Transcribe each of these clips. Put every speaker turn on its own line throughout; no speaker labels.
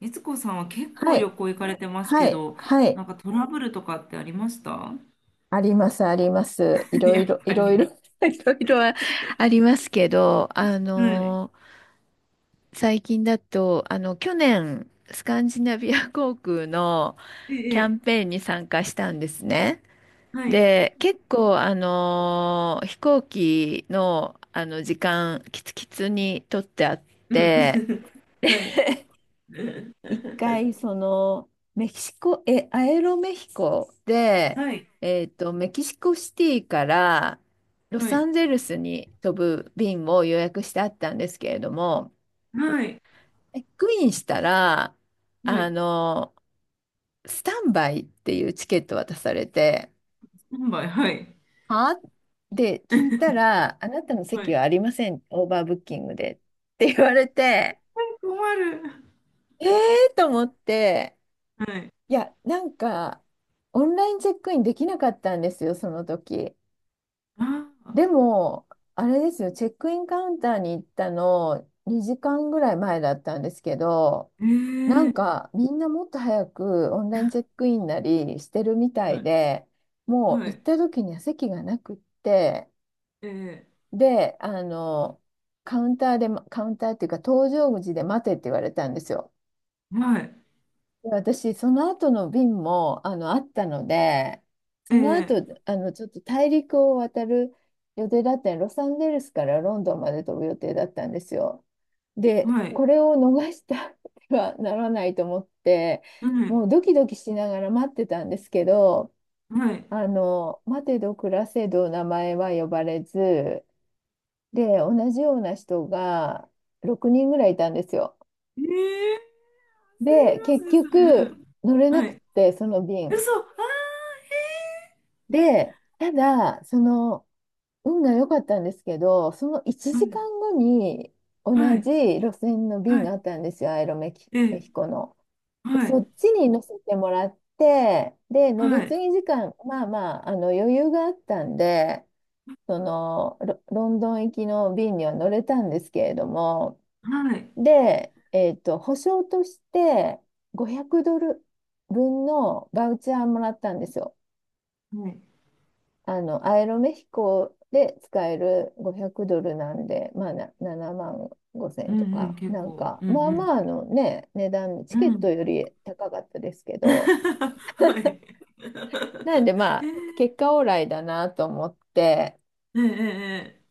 いつこさんは結
は
構旅
い、
行行かれてます
は
け
い、
ど、
はい。
なんかトラブルとかってありました？
あります、あります。い ろ
や
い
っ
ろ、い
ぱ
ろいろ、
り。
いろいろはありますけど、
はい。
最近だと、去年、スカンジナビア航空の
え
キャ
え、え
ン
え
ペーンに参加したんですね。
はい。
で、結構、飛行機の、時間、キツキツに取ってあっ
うん。
て、
はい。
一回そのメキシコ、え、アエロメヒコで、
はい。
メキシコシティからロ
は
サ
い。
ンゼルスに飛ぶ便を予約してあったんですけれども、
はい。
チェックインしたら、
は
あ
い。
の、スタンバイっていうチケット渡されて、
スタンバイ。はい。
はで、聞いたら、あなたの
は
席
い。
はありません、オーバーブッキングでって言われて、
困る。
えーと思って、
はい。
いや、なんか、オンラインチェックインできなかったんですよ、その時。
ああ。
でも、あれですよ、チェックインカウンターに行ったの2時間ぐらい前だったんですけど、
え
なん
え。
かみんなもっと早くオンラインチェックインなりしてるみた
は
い
い。
で、もう
は
行っ
い。
た時には席がなくって、
ええ。
で、カウンターで、カウンターっていうか、搭乗口で待てって言われたんですよ。
はい。
で私、その後の便も、あったので、そ
え
の後、
え。
ちょっと大陸を渡る予定だったのロサンゼルスからロンドンまで飛ぶ予定だったんですよ。で、
はい。
これを逃したてはならないと思って、
う
もう
ん。
ドキドキしながら待ってたんですけど、
はい。
待てど暮らせど名前は呼ばれず、で、同じような人が6人ぐらいいたんですよ。
ええ。焦り
で、結
ますね、それ。う
局、
ん。
乗れな
は
くっ
い。
て、その便。
嘘。ああ。へえ。
で、ただ、その、運が良かったんですけど、その1
は
時
い、
間後に同
はい、
じ路線の便
は
が
い、
あったんですよ、アイロメキ、
え
メ
え、
ヒコの。で、
は
そ
い、
っちに乗せてもらって、で、乗
は
り
い、
継ぎ時間、まあまあ、余裕があったんで、ロンドン行きの便には乗れたんですけれども、
はい、
で、保証として500ドル分のバウチャーもらったんですよ。
はい、
アイロメヒコで使える500ドルなんで、まあ、7万5
う
千と
んうん、
か、
結
なん
構、
か、
う
まあま
ん
ああのね、値段、
う
チケ
ん、う
ット
ん。
より高かったですけ ど、
はい。
なんでま
え
あ、
え、
結果オーライだなと思って、
ええ、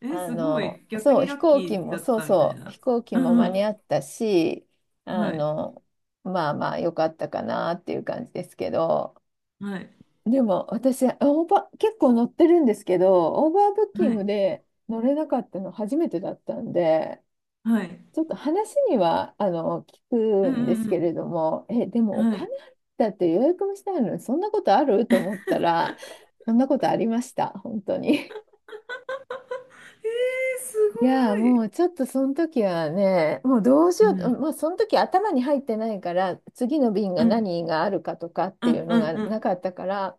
ええ、ええすごい、逆に
飛
ラッキ
行機
ー
も、
だっ
そう
たみたい
そう、
な。
飛行機
う
も
んう
間に
ん、
合ったし、
は
あ
い、
の、まあまあ、良かったかなっていう感じですけど、
はい、
でも私、オーバー、結構乗ってるんですけど、オーバーブッキ
は
ン
い、
グで乗れなかったの初めてだったんで、
はい、
ちょっと話には聞
うん
くんです
う
け
ん
れども、え、で
う
もお
ん、は
金
い。
払ったって予約もしたいのに、そんなことあると思ったら、そんなことありました、本当に。
ええ、す
いやー
ご
も
い。
うちょっとその時はね、もうどうし
う
ようと、
ん、
まあ、その時頭に入ってないから、次の便
う
が
ん、
何があるかとかっ
う
ていう
ん、
の
うん、
が
うん、
なかったから、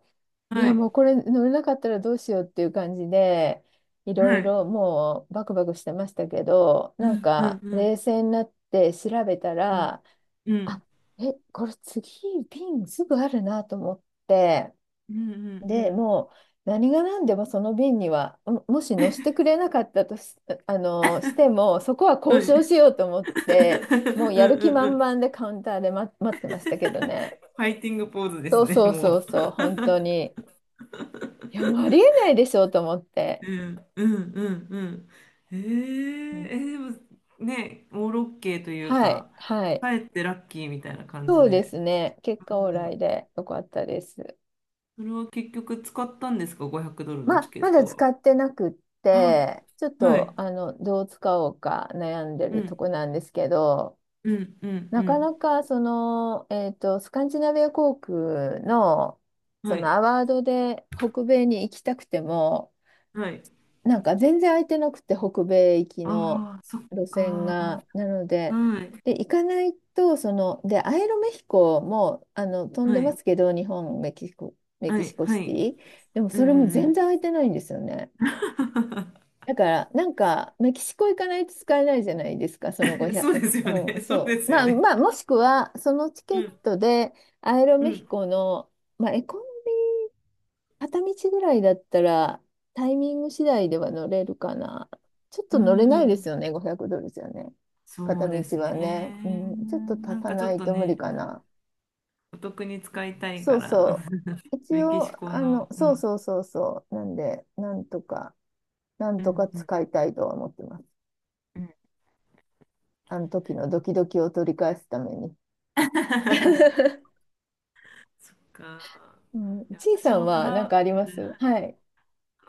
い
は
や、
い、
もうこれ乗れなかったらどうしようっていう感じで、い
は
ろい
い、
ろもうバクバクしてましたけど、
う
なん
ん、うん、
か
う
冷
ん、
静になって調べた
うん、
ら、
うん、う
あ、
ん、
これ次瓶すぐあるなと思って、
うん、う
で、
ん、
もう何が何でもその瓶には、もし乗せてくれなかったとし、あの、しても、そこは
は
交
い。う
渉しようと思って、もう
ん
やる気
うんう
満
ん。フ
々でカウンターで待ってましたけどね。
ァイティングポーズです
そう
ね、
そう
も
そう
う。
そう、本当に。いや、もうありえないでしょうと思って。
うん。え
う
ー
ん、
え、でもね、オーロッケーという
はい、
か、
はい。
帰ってラッキーみたいな感じ
そうで
で。
すね。結果オー
う
ラ
ん、
イでよかったです。
それは結局使ったんですか、500ドルのチケッ
まだ
トは？
使ってなくっ
あ、
て、ちょっ
はい。
と、どう使おうか悩んで
う
ると
ん
こなんですけど、
うんうんう
なかな
ん。
か、スカンジナビア航空の、そ
は
の
い。
アワードで北米に行きたくても、
はい。
なんか全然空いてなくて、北米行きの
ああ、そっ
路
か
線
ー。
が。なので、
はい。
で、行かないと、で、アイロメヒコも、飛ん
は
でま
い。
すけど、日本、メキシコ、メ
は
キシ
い。
コ
は
シテ
い。
ィ。でも、
うん
そ
うん
れ
う
も全
ん。
然空いてないんですよね。だから、なんか、メキシコ行かないと使えないじゃないですか、その
そう
500、
ですよ
う
ね。
ん、
そう
そ
で
う。
すよ
まあ、
ね。
まあ、もしくは、そのチ
う
ケッ
ん
トで、アイロ
う
メヒ
ん。
コの、まあ、エコノ片道ぐらいだったら、タイミング次第では乗れるかな。ちょっ
う
と乗
ん
れな
う
いです
ん
よね、500ドルじゃね。
そ
片
うです
道はね。う
ね。
ん、ちょっと
な
足
ん
さ
かちょ
な
っ
い
と
と無
ね、
理かな。
お得に使いたい
そ
か
う
ら、
そ う。一
メキ
応、
シコの、う
そう
ん。
そうそうそう。なんで、なんとか、なん
う
とか
んうん
使いたいとは思ってます。
うん。
あの時のドキドキを取り返すために。
そっか。
う
い
ん、
や
ちい
私
さん
もト
は何
ラ
かあり
ブル、
ますはい。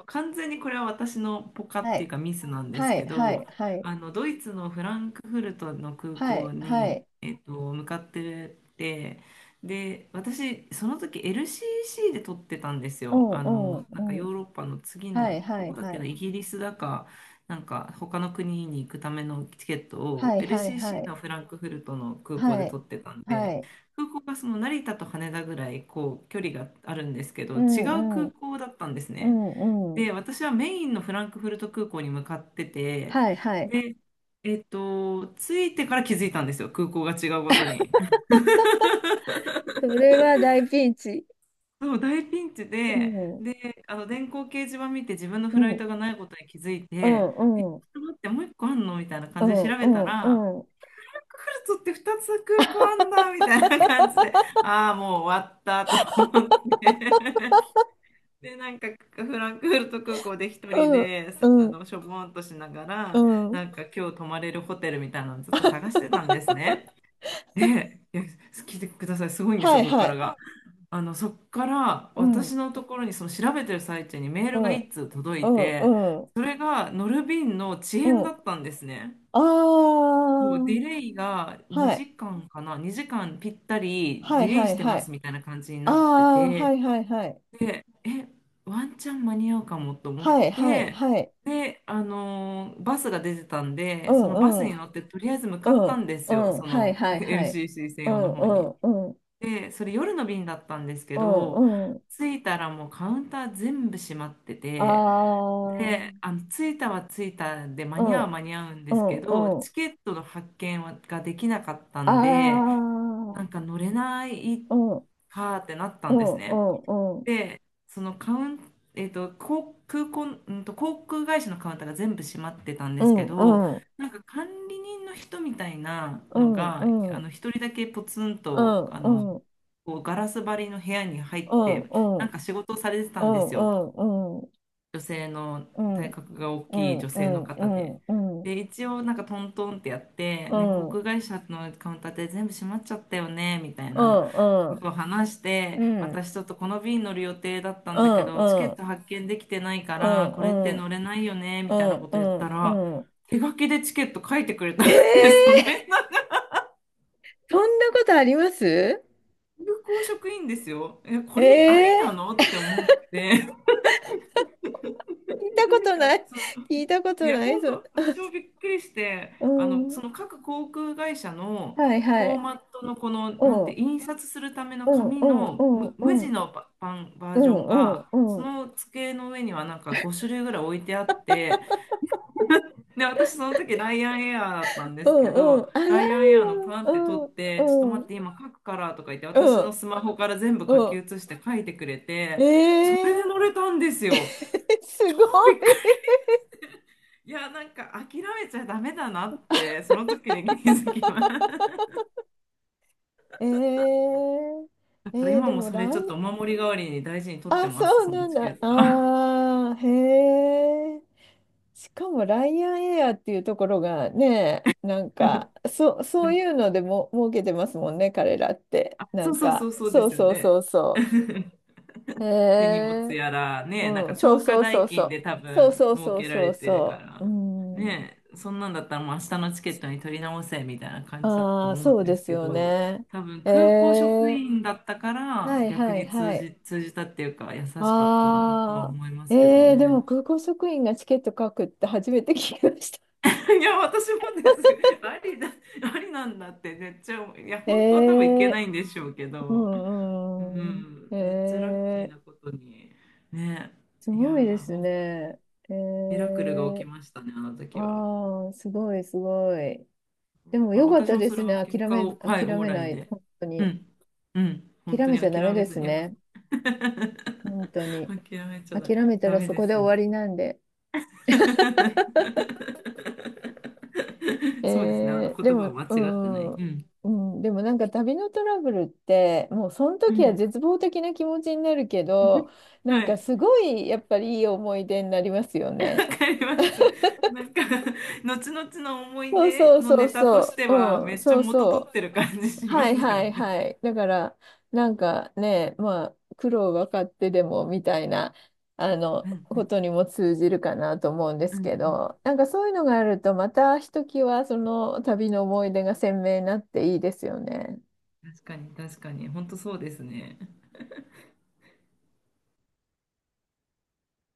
完全にこれは私のポカっ
は
ていう
い。
かミスなんです
は
け
い。は
ど、
い。はい。
あのドイツのフランクフルトの空
は
港
い。は
に、
い。
向かってて、で、私、その時 LCC で撮ってたんです
う
よ。
ん、
あ
うん、
の、なんか
うん、
ヨーロッパの次
は
の、
いは
どこ
い
だっ
は
けな、
い。
イギリスだか、なんか他の国に行くためのチケットを
はいはいは
LCC
い。
のフランクフルトの空港
は
で
い。
撮ってたん
は
で、
い。
空港がその成田と羽田ぐらいこう距離があるんですけど、
う
違う
んう
空
ん。
港だったんです
う
ね。
んうん。
で、私はメインのフランクフルト空港に向かってて、
はいはい。
で、着いてから気づいたんですよ、空港が違うことに。
それは大ピンチ。
そう、大ピンチ
う
で、
ん。
で、あの電光掲示板見て自分のフ
う
ライ
ん。
トがないことに気づい
う
て、ちょ
んうん。
っと待って、もう一個あんのみたいな感
う
じ
ん
で調
う
べたら、
んうん。
クルツって二つ空港あんだみたいな感じで、ああ、もう終わったと思って。で、なんかフランクフルト空港で一人
うん
で、さ
う
あ
ん
の、しょぼんとしなが
う
ら、
ん。
なんか今日泊まれるホテルみたいなのずっと探してたんですね。で、いや、聞いてください。すごいんです
は
よ、
い
ここ
は
から
い。
が。あの、そっから
う
私
ん
のところに、その調べてる最中にメー
う
ルが
ん
一通届
う
い
ん
て、
うん
それが乗る便の遅
う
延だ
ん。
ったんですね。
あ
そう、デ
あ、
ィレイが
はい
2時間かな、2時間ぴったり
は
ディ
い
レイ
は
し
い
て
は
ます
い。
みたいな感じに
あ
なって
あ、は
て、
いはいはい。
で、え、ワンチャン間に合うかもと思っ
はいはい
て、
はい。
で、あのーバスが出てたん
う
で、そのバス
んう
に
ん。
乗ってとりあえず向
う
かった
ん、
んで
う
すよ、
ん、
そ
はい
の
はい はい。
LCC 専
う
用の
ん、
方
う
に。
ん、うん、
で、それ夜の便だったんですけ
う
ど、
ん、うん。
着いたらもうカウンター全部閉まって
あ
て、
あ、う
で、あの着いたは着いたで間に合
ん、
うは間に合うん
う
ですけど、
ん、うん。
チケットの発券はができなかった
あ
んで、な
あ、
んか乗れない
うん、うん、
かってなった
う
んです
ん、
ね。
うん、
で、そのカウン、えっと、航空、空航空会社のカウンターが全部閉まってたん
う
です
ん、
けど、
うん、
なんか管理人の人みたいな
う
の
ん、
が、
う
あ
ん、
の、一人だけポツン
う
と、
ん、
あ
う
の、
ん、うん、
こうガラス張りの部屋に入っ
うん、
て、
うん、
なんか仕事をされてたんですよ。
うん、
女性の
うん、う
体
ん、
格が大
う
きい
ん、
女
う
性の
ん、う
方で。
ん、うん、うん、うん、うん、
で、一応なんかトントンってやって、
うん、う
ね、
ん、う
航
ん、うん、
空会社のカウンターで全部閉まっちゃったよね、みたいなことを話し
う
て、
ん、
私ちょっとこの便乗る予定だったんだけど、チケット発券できてないから、これって乗れないよね、み
う
たいなこと言った
ん。
ら、
うん、
手書きでチケット書いてくれたんです、その
ええ、
辺が。
そんなことあります、
空港職員ですよ。え、こ
え
れありな
え
のっ
ー、
て思って、なん
聞いたことな
か
い。
そ う
聞いたこ
い
と
や、
ない
本
ぞ。
当、私もびっくりして、
う
あの、そ
ん。
の各航空会社の
はい
フ
は
ォー
い。
マットのこの、
う
なん
ん。
て、
う
印刷するための
んうん
紙
うんう
の
んう
無地
ん
のパンバージョンが、
う
そ
んうん
の机の上にはなんか5種類ぐらい置いてあって、で、私その時ライアンエアーだったんで
う
すけ
んう
ど、
ん。あらい
ライアンエアーの
よ。
パンっ
う
て取って、ちょっと
んう
待っ
ん
て今書くからとか言って、
う
私の
ん
スマホから全部
う
書き
ん。
写して書いてくれ
え
て、それ
え
で
ー
乗れたんです よ。
す
超
ごい。
びっくり。 いや、なんか諦めちゃダメだなって、その時で 気づきます。だ
ええ
から
えー
今
で
も
も
それ
ラ
ちょ
イ
っ
ン
とお守り代わりに大事に取って
あ、
ま
そ
す、
う
その
なん
チケ
だ。
ッ
ああ、へえ。しかもライアンエアっていうところがね、なん
ト。
か、そう、そういうのでも儲けてますもんね、彼らって。
あ、
な
そう
ん
そうそ
か、
うそうで
そう
すよ
そう
ね。
そうそ う。へ
手荷物
え。
やら、ね、なん
う
か
ん、そう
超過
そうそ
代
うそ
金
う。
で多
そう
分
そう
設
そう
けら
そ
れ
う
てるか
そう。う
ら、
ん。
ね、そんなんだったらもう明日のチケットに取り直せみたいな感じだと
ああ、
思う
そ
ん
う
で
で
す
す
け
よ
ど、
ね。
多分
え
空港職
え。
員だったから
はい
逆
はい
に
はい。
通じたっていうか優しかったんだとは
ああ。
思いますけど
ええ、でも
ね。
空港職員がチケット書くって初めて聞きました。
いや、私もです。ありだ、ありなんだってめっちゃいや、
え
本当は多分いけな
え、
いんでしょうけ
う
ど。う
んうん。え
ん、めっちゃラッキー
え、
なことに。ね。
す
いや
ごいで
ー、
す
本当に
ね。え
ミラクルが起き
え、
ましたね、あの時は。
ああ、すごい、すごい。
だ
でも、
から
よかっ
私
た
も
で
それ
すね。
は結果を、は
諦
い、オー
め
ラ
な
イ
い。
で。
本当
う
に。
ん、うん、本
諦
当
めち
に
ゃダ
諦
メ
め
で
ず
す
によかっ
ね。本当
た。
に。
諦めちゃだ、
諦めた
ダ
ら
メ
そ
で
こで
す
終
よ。
わりなんで。え
そうですね、あの
え、
言
で
葉は
も、
間違
う
ってない。
ん、
うん。
うん。でも、なんか旅のトラブルって、もう、その
う
時は
ん。
絶望的な気持ちになるけど、な
は
んか、
い。
すごい、やっぱりいい思い出になりますよね。
わかります。なんか、後々の思い
そう
出
そう
の
そ
ネ
う
タとし
そ
ては、
う、う
め
ん、
っちゃ
そう
元取っ
そ
てる感じ
う、
しま
は
す
い
よ
はい
ね。
はい。だから、なんかね、まあ、苦労分かってでもみたいな、
うんう
こ
ん
とにも通じるかなと思うんで
う
す
ん
け
うん。
ど、なんかそういうのがあると、またひときわその旅の思い出が鮮明になっていいですよね。
確かに、確かに、本当そうですね。